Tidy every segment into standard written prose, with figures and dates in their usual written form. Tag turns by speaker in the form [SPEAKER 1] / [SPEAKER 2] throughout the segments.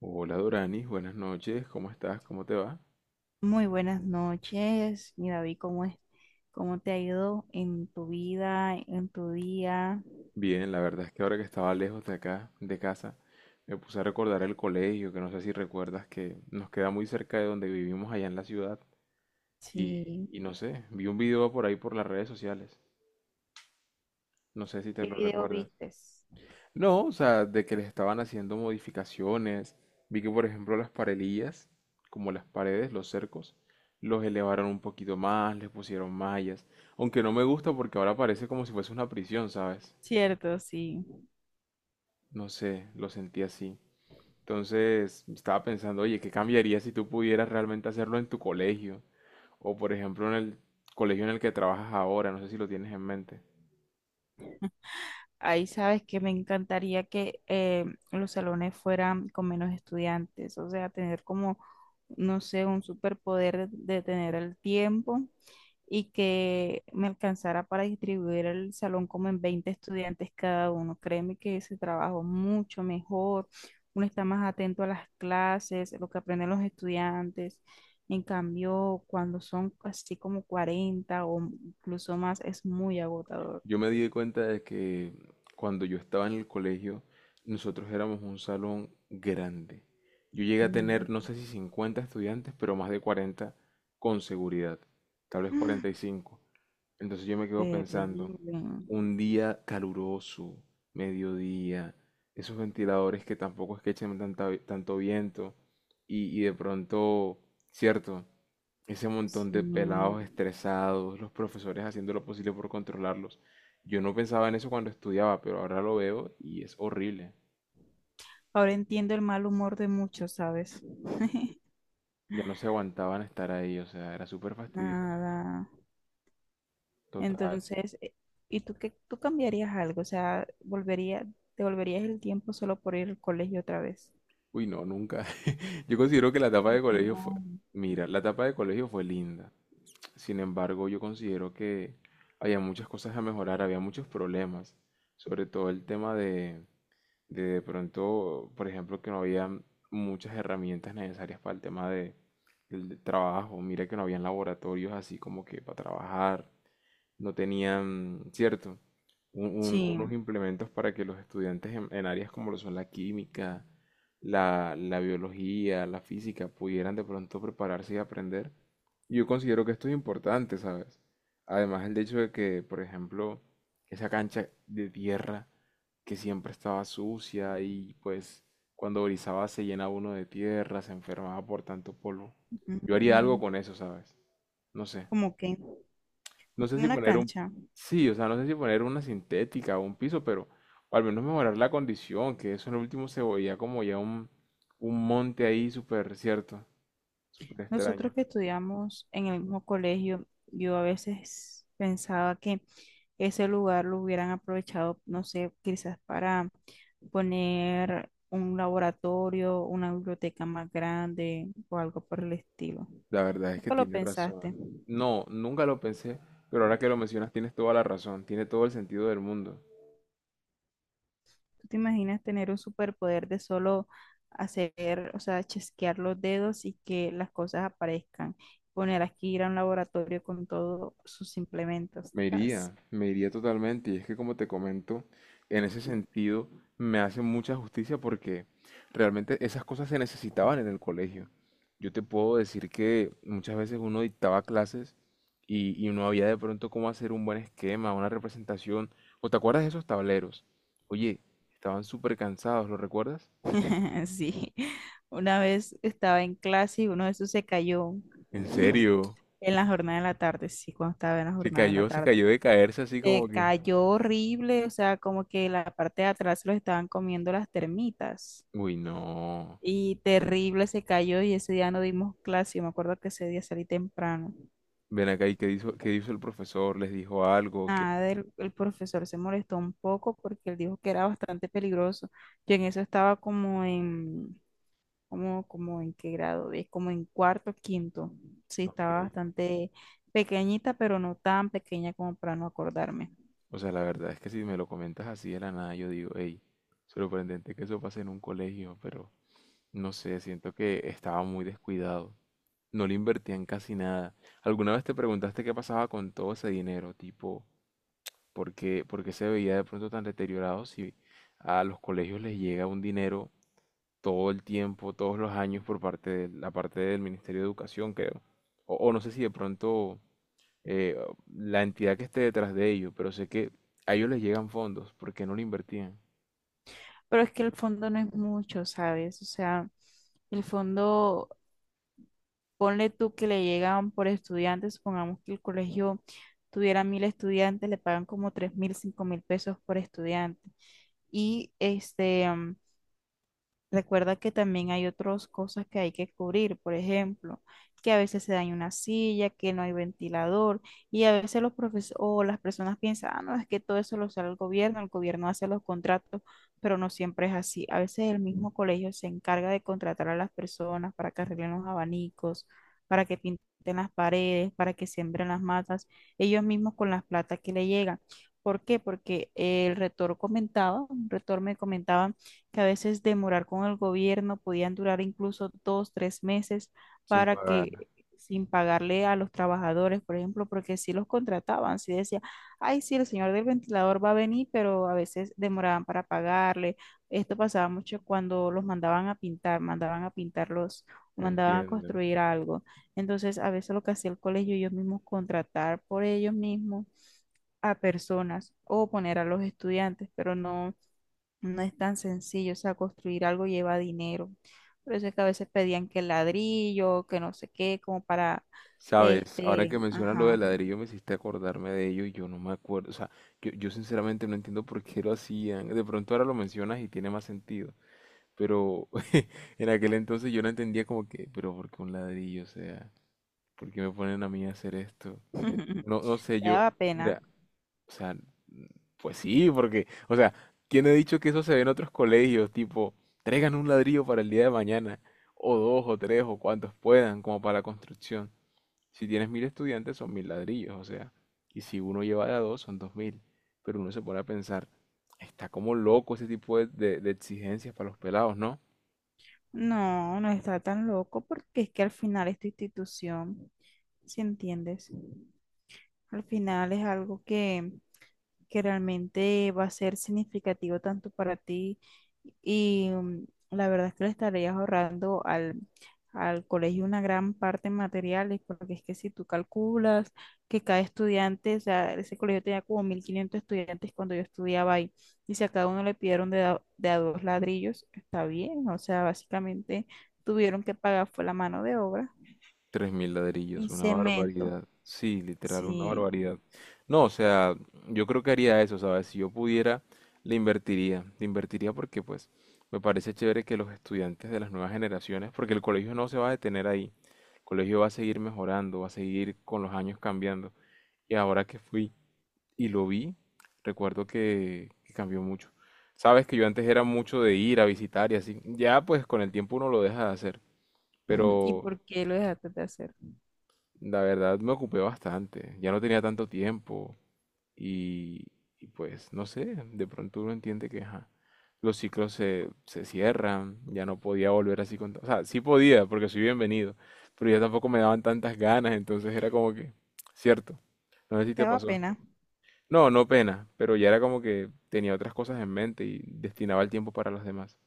[SPEAKER 1] Hola Doranis, buenas noches, ¿cómo estás? ¿Cómo te va?
[SPEAKER 2] Muy buenas noches, mi David, ¿cómo es? ¿Cómo te ha ido en tu vida, en tu día?
[SPEAKER 1] Bien, la verdad es que ahora que estaba lejos de acá, de casa, me puse a recordar el colegio, que no sé si recuerdas que nos queda muy cerca de donde vivimos allá en la ciudad y,
[SPEAKER 2] Sí.
[SPEAKER 1] y no sé, vi un video por ahí por las redes sociales, no sé si te
[SPEAKER 2] ¿Qué
[SPEAKER 1] lo
[SPEAKER 2] video
[SPEAKER 1] recuerdas.
[SPEAKER 2] vistes?
[SPEAKER 1] No, o sea, de que les estaban haciendo modificaciones. Vi que, por ejemplo, las parelillas, como las paredes, los cercos, los elevaron un poquito más, les pusieron mallas. Aunque no me gusta porque ahora parece como si fuese una prisión, ¿sabes?
[SPEAKER 2] Cierto, sí.
[SPEAKER 1] No sé, lo sentí así. Entonces, estaba pensando, oye, ¿qué cambiaría si tú pudieras realmente hacerlo en tu colegio? O, por ejemplo, en el colegio en el que trabajas ahora, no sé si lo tienes en mente.
[SPEAKER 2] Ahí sabes que me encantaría que los salones fueran con menos estudiantes, o sea, tener como, no sé, un superpoder de tener el tiempo y que me alcanzara para distribuir el salón como en 20 estudiantes cada uno. Créeme que ese trabajo es mucho mejor, uno está más atento a las clases, lo que aprenden los estudiantes. En cambio, cuando son así como 40 o incluso más, es muy agotador.
[SPEAKER 1] Yo me di cuenta de que cuando yo estaba en el colegio, nosotros éramos un salón grande. Yo llegué a
[SPEAKER 2] Mm.
[SPEAKER 1] tener, no sé si 50 estudiantes, pero más de 40 con seguridad, tal vez 45. Entonces yo me quedo pensando,
[SPEAKER 2] Terrible.
[SPEAKER 1] un día caluroso, mediodía, esos ventiladores que tampoco es que echen tanto viento y de pronto, cierto, ese montón de pelados
[SPEAKER 2] Sí.
[SPEAKER 1] estresados, los profesores haciendo lo posible por controlarlos. Yo no pensaba en eso cuando estudiaba, pero ahora lo veo y es horrible.
[SPEAKER 2] Ahora entiendo el mal humor de muchos, ¿sabes?
[SPEAKER 1] Ya no se aguantaban estar ahí, o sea, era súper fastidioso.
[SPEAKER 2] Nada.
[SPEAKER 1] Total.
[SPEAKER 2] Entonces, ¿y tú qué, tú cambiarías algo? O sea, volvería, ¿te volverías el tiempo solo por ir al colegio otra vez?
[SPEAKER 1] Uy, no, nunca. Yo considero que la etapa
[SPEAKER 2] ¿Por
[SPEAKER 1] de
[SPEAKER 2] qué
[SPEAKER 1] colegio fue.
[SPEAKER 2] no?
[SPEAKER 1] Mira, la etapa de colegio fue linda. Sin embargo, yo considero que había muchas cosas a mejorar, había muchos problemas. Sobre todo el tema de pronto, por ejemplo, que no había muchas herramientas necesarias para el tema del trabajo. Mira que no habían laboratorios así como que para trabajar no tenían, cierto, unos
[SPEAKER 2] Sí.
[SPEAKER 1] implementos para que los estudiantes en áreas como lo son la química, la biología, la física, pudieran de pronto prepararse y aprender. Yo considero que esto es importante, ¿sabes? Además, el hecho de que, por ejemplo, esa cancha de tierra que siempre estaba sucia y pues cuando brizaba se llenaba uno de tierra, se enfermaba por tanto polvo. Yo haría algo
[SPEAKER 2] Mm.
[SPEAKER 1] con eso, ¿sabes? No sé.
[SPEAKER 2] Como que,
[SPEAKER 1] No sé
[SPEAKER 2] como
[SPEAKER 1] si
[SPEAKER 2] una
[SPEAKER 1] poner un.
[SPEAKER 2] cancha.
[SPEAKER 1] Sí, o sea, no sé si poner una sintética o un piso, pero. O al menos mejorar la condición, que eso en el último se veía como ya un monte ahí súper cierto, súper
[SPEAKER 2] Nosotros
[SPEAKER 1] extraño.
[SPEAKER 2] que estudiamos en el mismo colegio, yo a veces pensaba que ese lugar lo hubieran aprovechado, no sé, quizás para poner un laboratorio, una biblioteca más grande o algo por el estilo.
[SPEAKER 1] La verdad es que
[SPEAKER 2] Nunca lo
[SPEAKER 1] tiene
[SPEAKER 2] pensaste.
[SPEAKER 1] razón.
[SPEAKER 2] ¿Tú
[SPEAKER 1] No, nunca lo pensé, pero ahora que lo mencionas tienes toda la razón, tiene todo el sentido del mundo.
[SPEAKER 2] te imaginas tener un superpoder de solo hacer, o sea, chasquear los dedos y que las cosas aparezcan? Poner aquí ir a un laboratorio con todos sus implementos. Tas.
[SPEAKER 1] Me iría totalmente. Y es que como te comento, en ese sentido me hace mucha justicia porque realmente esas cosas se necesitaban en el colegio. Yo te puedo decir que muchas veces uno dictaba clases y no había de pronto cómo hacer un buen esquema, una representación. ¿O te acuerdas de esos tableros? Oye, estaban súper cansados, ¿lo recuerdas?
[SPEAKER 2] Sí, una vez estaba en clase y uno de esos se cayó.
[SPEAKER 1] ¿En serio?
[SPEAKER 2] En la jornada de la tarde, sí, cuando estaba en la jornada de la
[SPEAKER 1] Se
[SPEAKER 2] tarde.
[SPEAKER 1] cayó de caerse así como
[SPEAKER 2] Se
[SPEAKER 1] que.
[SPEAKER 2] cayó horrible, o sea, como que la parte de atrás se lo estaban comiendo las termitas.
[SPEAKER 1] Uy, no.
[SPEAKER 2] Y terrible se cayó y ese día no dimos clase. Yo me acuerdo que ese día salí temprano.
[SPEAKER 1] Ven acá y qué hizo el profesor, les dijo algo.
[SPEAKER 2] Nada, el profesor se molestó un poco porque él dijo que era bastante peligroso. Yo en eso estaba como en, como, como en qué grado, es como en cuarto, quinto. Sí,
[SPEAKER 1] Ok.
[SPEAKER 2] estaba bastante pequeñita, pero no tan pequeña como para no acordarme.
[SPEAKER 1] O sea, la verdad es que si me lo comentas así de la nada, yo digo, hey, sorprendente que eso pase en un colegio, pero no sé, siento que estaba muy descuidado. No le invertían casi nada. ¿Alguna vez te preguntaste qué pasaba con todo ese dinero? Tipo, ¿por qué se veía de pronto tan deteriorado si a los colegios les llega un dinero todo el tiempo, todos los años por parte de la parte del Ministerio de Educación, creo? O no sé si de pronto eh, la entidad que esté detrás de ellos, pero sé que a ellos les llegan fondos porque no lo invertían
[SPEAKER 2] Pero es que el fondo no es mucho, ¿sabes? O sea, el fondo, ponle tú que le llegan por estudiantes, supongamos que el colegio tuviera 1.000 estudiantes, le pagan como 3.000, 5.000 pesos por estudiante. Y este, mm, recuerda que también hay otras cosas que hay que cubrir, por ejemplo, que a veces se daña una silla, que no hay ventilador, y a veces los profesores o las personas piensan, ah, no, es que todo eso lo sale el gobierno hace los contratos, pero no siempre es así. A veces el mismo colegio se encarga de contratar a las personas para que arreglen los abanicos, para que pinten las paredes, para que siembren las matas, ellos mismos con las plata que le llegan. ¿Por qué? Porque el rector comentaba, un rector me comentaba que a veces demorar con el gobierno podían durar incluso 2, 3 meses
[SPEAKER 1] sin
[SPEAKER 2] para
[SPEAKER 1] pagar,
[SPEAKER 2] que sin pagarle a los trabajadores, por ejemplo, porque si los contrataban, si decía, ay, sí, el señor del ventilador va a venir, pero a veces demoraban para pagarle. Esto pasaba mucho cuando los mandaban a pintar, mandaban a pintarlos o mandaban a
[SPEAKER 1] ¿entienden?
[SPEAKER 2] construir algo. Entonces, a veces lo que hacía el colegio, ellos mismos contratar por ellos mismos a personas o poner a los estudiantes, pero no es tan sencillo, o sea, construir algo lleva dinero. Por eso es que a veces pedían que ladrillo, que no sé qué, como para,
[SPEAKER 1] Sabes, ahora
[SPEAKER 2] este,
[SPEAKER 1] que mencionas lo del
[SPEAKER 2] ajá.
[SPEAKER 1] ladrillo me hiciste acordarme de ello y yo no me acuerdo, o sea, yo sinceramente no entiendo por qué lo hacían, de pronto ahora lo mencionas y tiene más sentido, pero en aquel entonces yo no entendía como que, pero ¿por qué un ladrillo? O sea, ¿por qué me ponen a mí a hacer esto? No, no sé,
[SPEAKER 2] Te
[SPEAKER 1] yo,
[SPEAKER 2] daba pena.
[SPEAKER 1] mira. O sea, pues sí, porque, o sea, tiene dicho que eso se ve en otros colegios, tipo, traigan un ladrillo para el día de mañana, o dos, o tres, o cuantos puedan, como para la construcción. Si tienes 1000 estudiantes, son 1000 ladrillos, o sea, y si uno lleva de a dos, son 2000. Pero uno se pone a pensar, está como loco ese tipo de exigencias para los pelados, ¿no?
[SPEAKER 2] No, no está tan loco porque es que al final esta institución, si entiendes, al final es algo que realmente va a ser significativo tanto para ti y mm, la verdad es que le estarías ahorrando al colegio una gran parte en materiales, porque es que si tú calculas que cada estudiante, o sea, ese colegio tenía como 1.500 estudiantes cuando yo estudiaba ahí, y si a cada uno le pidieron de a dos ladrillos, está bien, o sea, básicamente tuvieron que pagar fue la mano de obra
[SPEAKER 1] 3000 ladrillos,
[SPEAKER 2] y
[SPEAKER 1] una
[SPEAKER 2] cemento,
[SPEAKER 1] barbaridad. Sí, literal, una barbaridad.
[SPEAKER 2] sí.
[SPEAKER 1] No, o sea, yo creo que haría eso, ¿sabes? Si yo pudiera, le invertiría. Le invertiría porque, pues, me parece chévere que los estudiantes de las nuevas generaciones, porque el colegio no se va a detener ahí. El colegio va a seguir mejorando, va a seguir con los años cambiando. Y ahora que fui y lo vi, recuerdo que cambió mucho. Sabes que yo antes era mucho de ir a visitar y así. Ya, pues, con el tiempo uno lo deja de hacer.
[SPEAKER 2] ¿Y
[SPEAKER 1] Pero
[SPEAKER 2] por qué lo dejaste de hacer?
[SPEAKER 1] la verdad me ocupé bastante, ya no tenía tanto tiempo y, y pues no sé, de pronto uno entiende que ajá, los ciclos se cierran, ya no podía volver así O sea, sí podía porque soy bienvenido, pero ya tampoco me daban tantas ganas, entonces era como que, cierto, no sé si
[SPEAKER 2] Te
[SPEAKER 1] te
[SPEAKER 2] daba
[SPEAKER 1] pasó.
[SPEAKER 2] pena.
[SPEAKER 1] No, no pena, pero ya era como que tenía otras cosas en mente y destinaba el tiempo para las demás.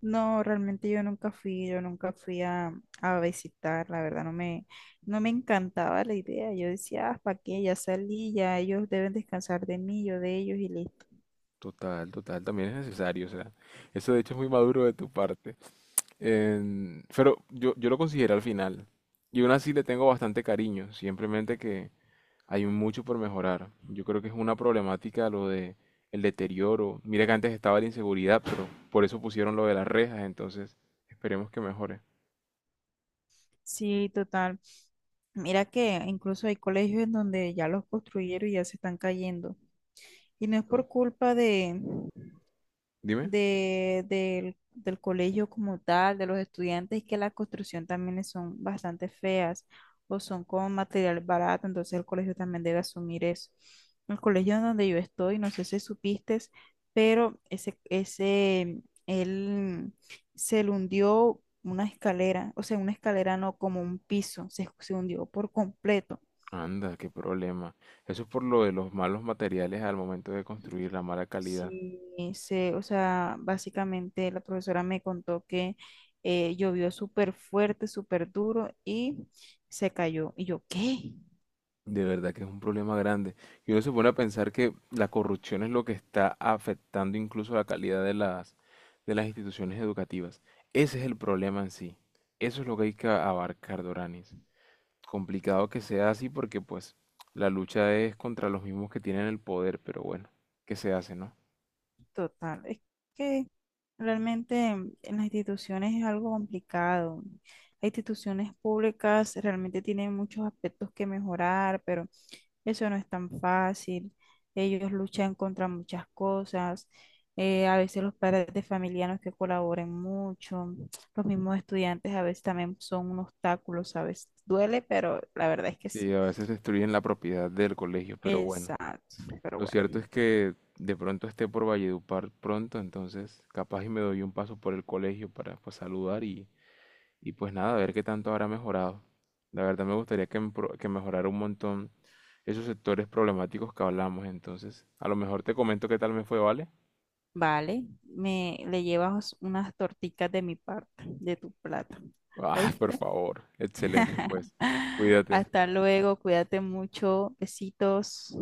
[SPEAKER 2] No, realmente yo nunca fui a visitar, la verdad no me, no me encantaba la idea. Yo decía, ah, ¿para qué? Ya salí, ya ellos deben descansar de mí, yo de ellos y listo.
[SPEAKER 1] Total, total, también es necesario, o sea, eso de hecho es muy maduro de tu parte. Pero yo lo consideré al final. Y aún así le tengo bastante cariño, simplemente que hay mucho por mejorar. Yo creo que es una problemática lo de el deterioro. Mira que antes estaba la inseguridad, pero por eso pusieron lo de las rejas, entonces esperemos que mejore.
[SPEAKER 2] Sí, total. Mira que incluso hay colegios en donde ya los construyeron y ya se están cayendo. Y no es
[SPEAKER 1] To-
[SPEAKER 2] por culpa de,
[SPEAKER 1] Dime.
[SPEAKER 2] del colegio como tal, de los estudiantes, y que la construcción también es- son bastante feas o son con material barato, entonces el colegio también debe asumir eso. El colegio en donde yo estoy, no sé si supiste, pero ese, él se le hundió una escalera, o sea, una escalera no, como un piso, se hundió por completo.
[SPEAKER 1] Anda, qué problema. Eso es por lo de los malos materiales al momento de construir, la mala calidad.
[SPEAKER 2] Sí, sé, o sea, básicamente la profesora me contó que llovió súper fuerte, súper duro y se cayó. Y yo, ¿qué?
[SPEAKER 1] De verdad que es un problema grande. Y uno se pone a pensar que la corrupción es lo que está afectando incluso la calidad de las instituciones educativas. Ese es el problema en sí. Eso es lo que hay que abarcar, Doranis. Complicado que sea así porque pues la lucha es contra los mismos que tienen el poder, pero bueno, ¿qué se hace, no?
[SPEAKER 2] Total, es que realmente en las instituciones es algo complicado. Las instituciones públicas realmente tienen muchos aspectos que mejorar, pero eso no es tan fácil. Ellos luchan contra muchas cosas. A veces los padres de familia no es que colaboren mucho. Los mismos estudiantes a veces también son un obstáculo, ¿sabes? Duele, pero la verdad es que
[SPEAKER 1] Sí,
[SPEAKER 2] sí.
[SPEAKER 1] a veces destruyen la propiedad del colegio, pero bueno.
[SPEAKER 2] Exacto. Pero
[SPEAKER 1] Lo cierto
[SPEAKER 2] bueno.
[SPEAKER 1] es que de pronto esté por Valledupar pronto, entonces capaz y me doy un paso por el colegio para pues saludar y pues nada, a ver qué tanto habrá mejorado. La verdad me gustaría que mejorara un montón esos sectores problemáticos que hablamos. Entonces, a lo mejor te comento qué tal me fue, ¿vale?
[SPEAKER 2] Vale, me le llevas unas torticas de mi parte, de tu plato.
[SPEAKER 1] Ah, por
[SPEAKER 2] ¿Oíste?
[SPEAKER 1] favor. Excelente, pues. Cuídate.
[SPEAKER 2] Hasta luego, cuídate mucho. Besitos.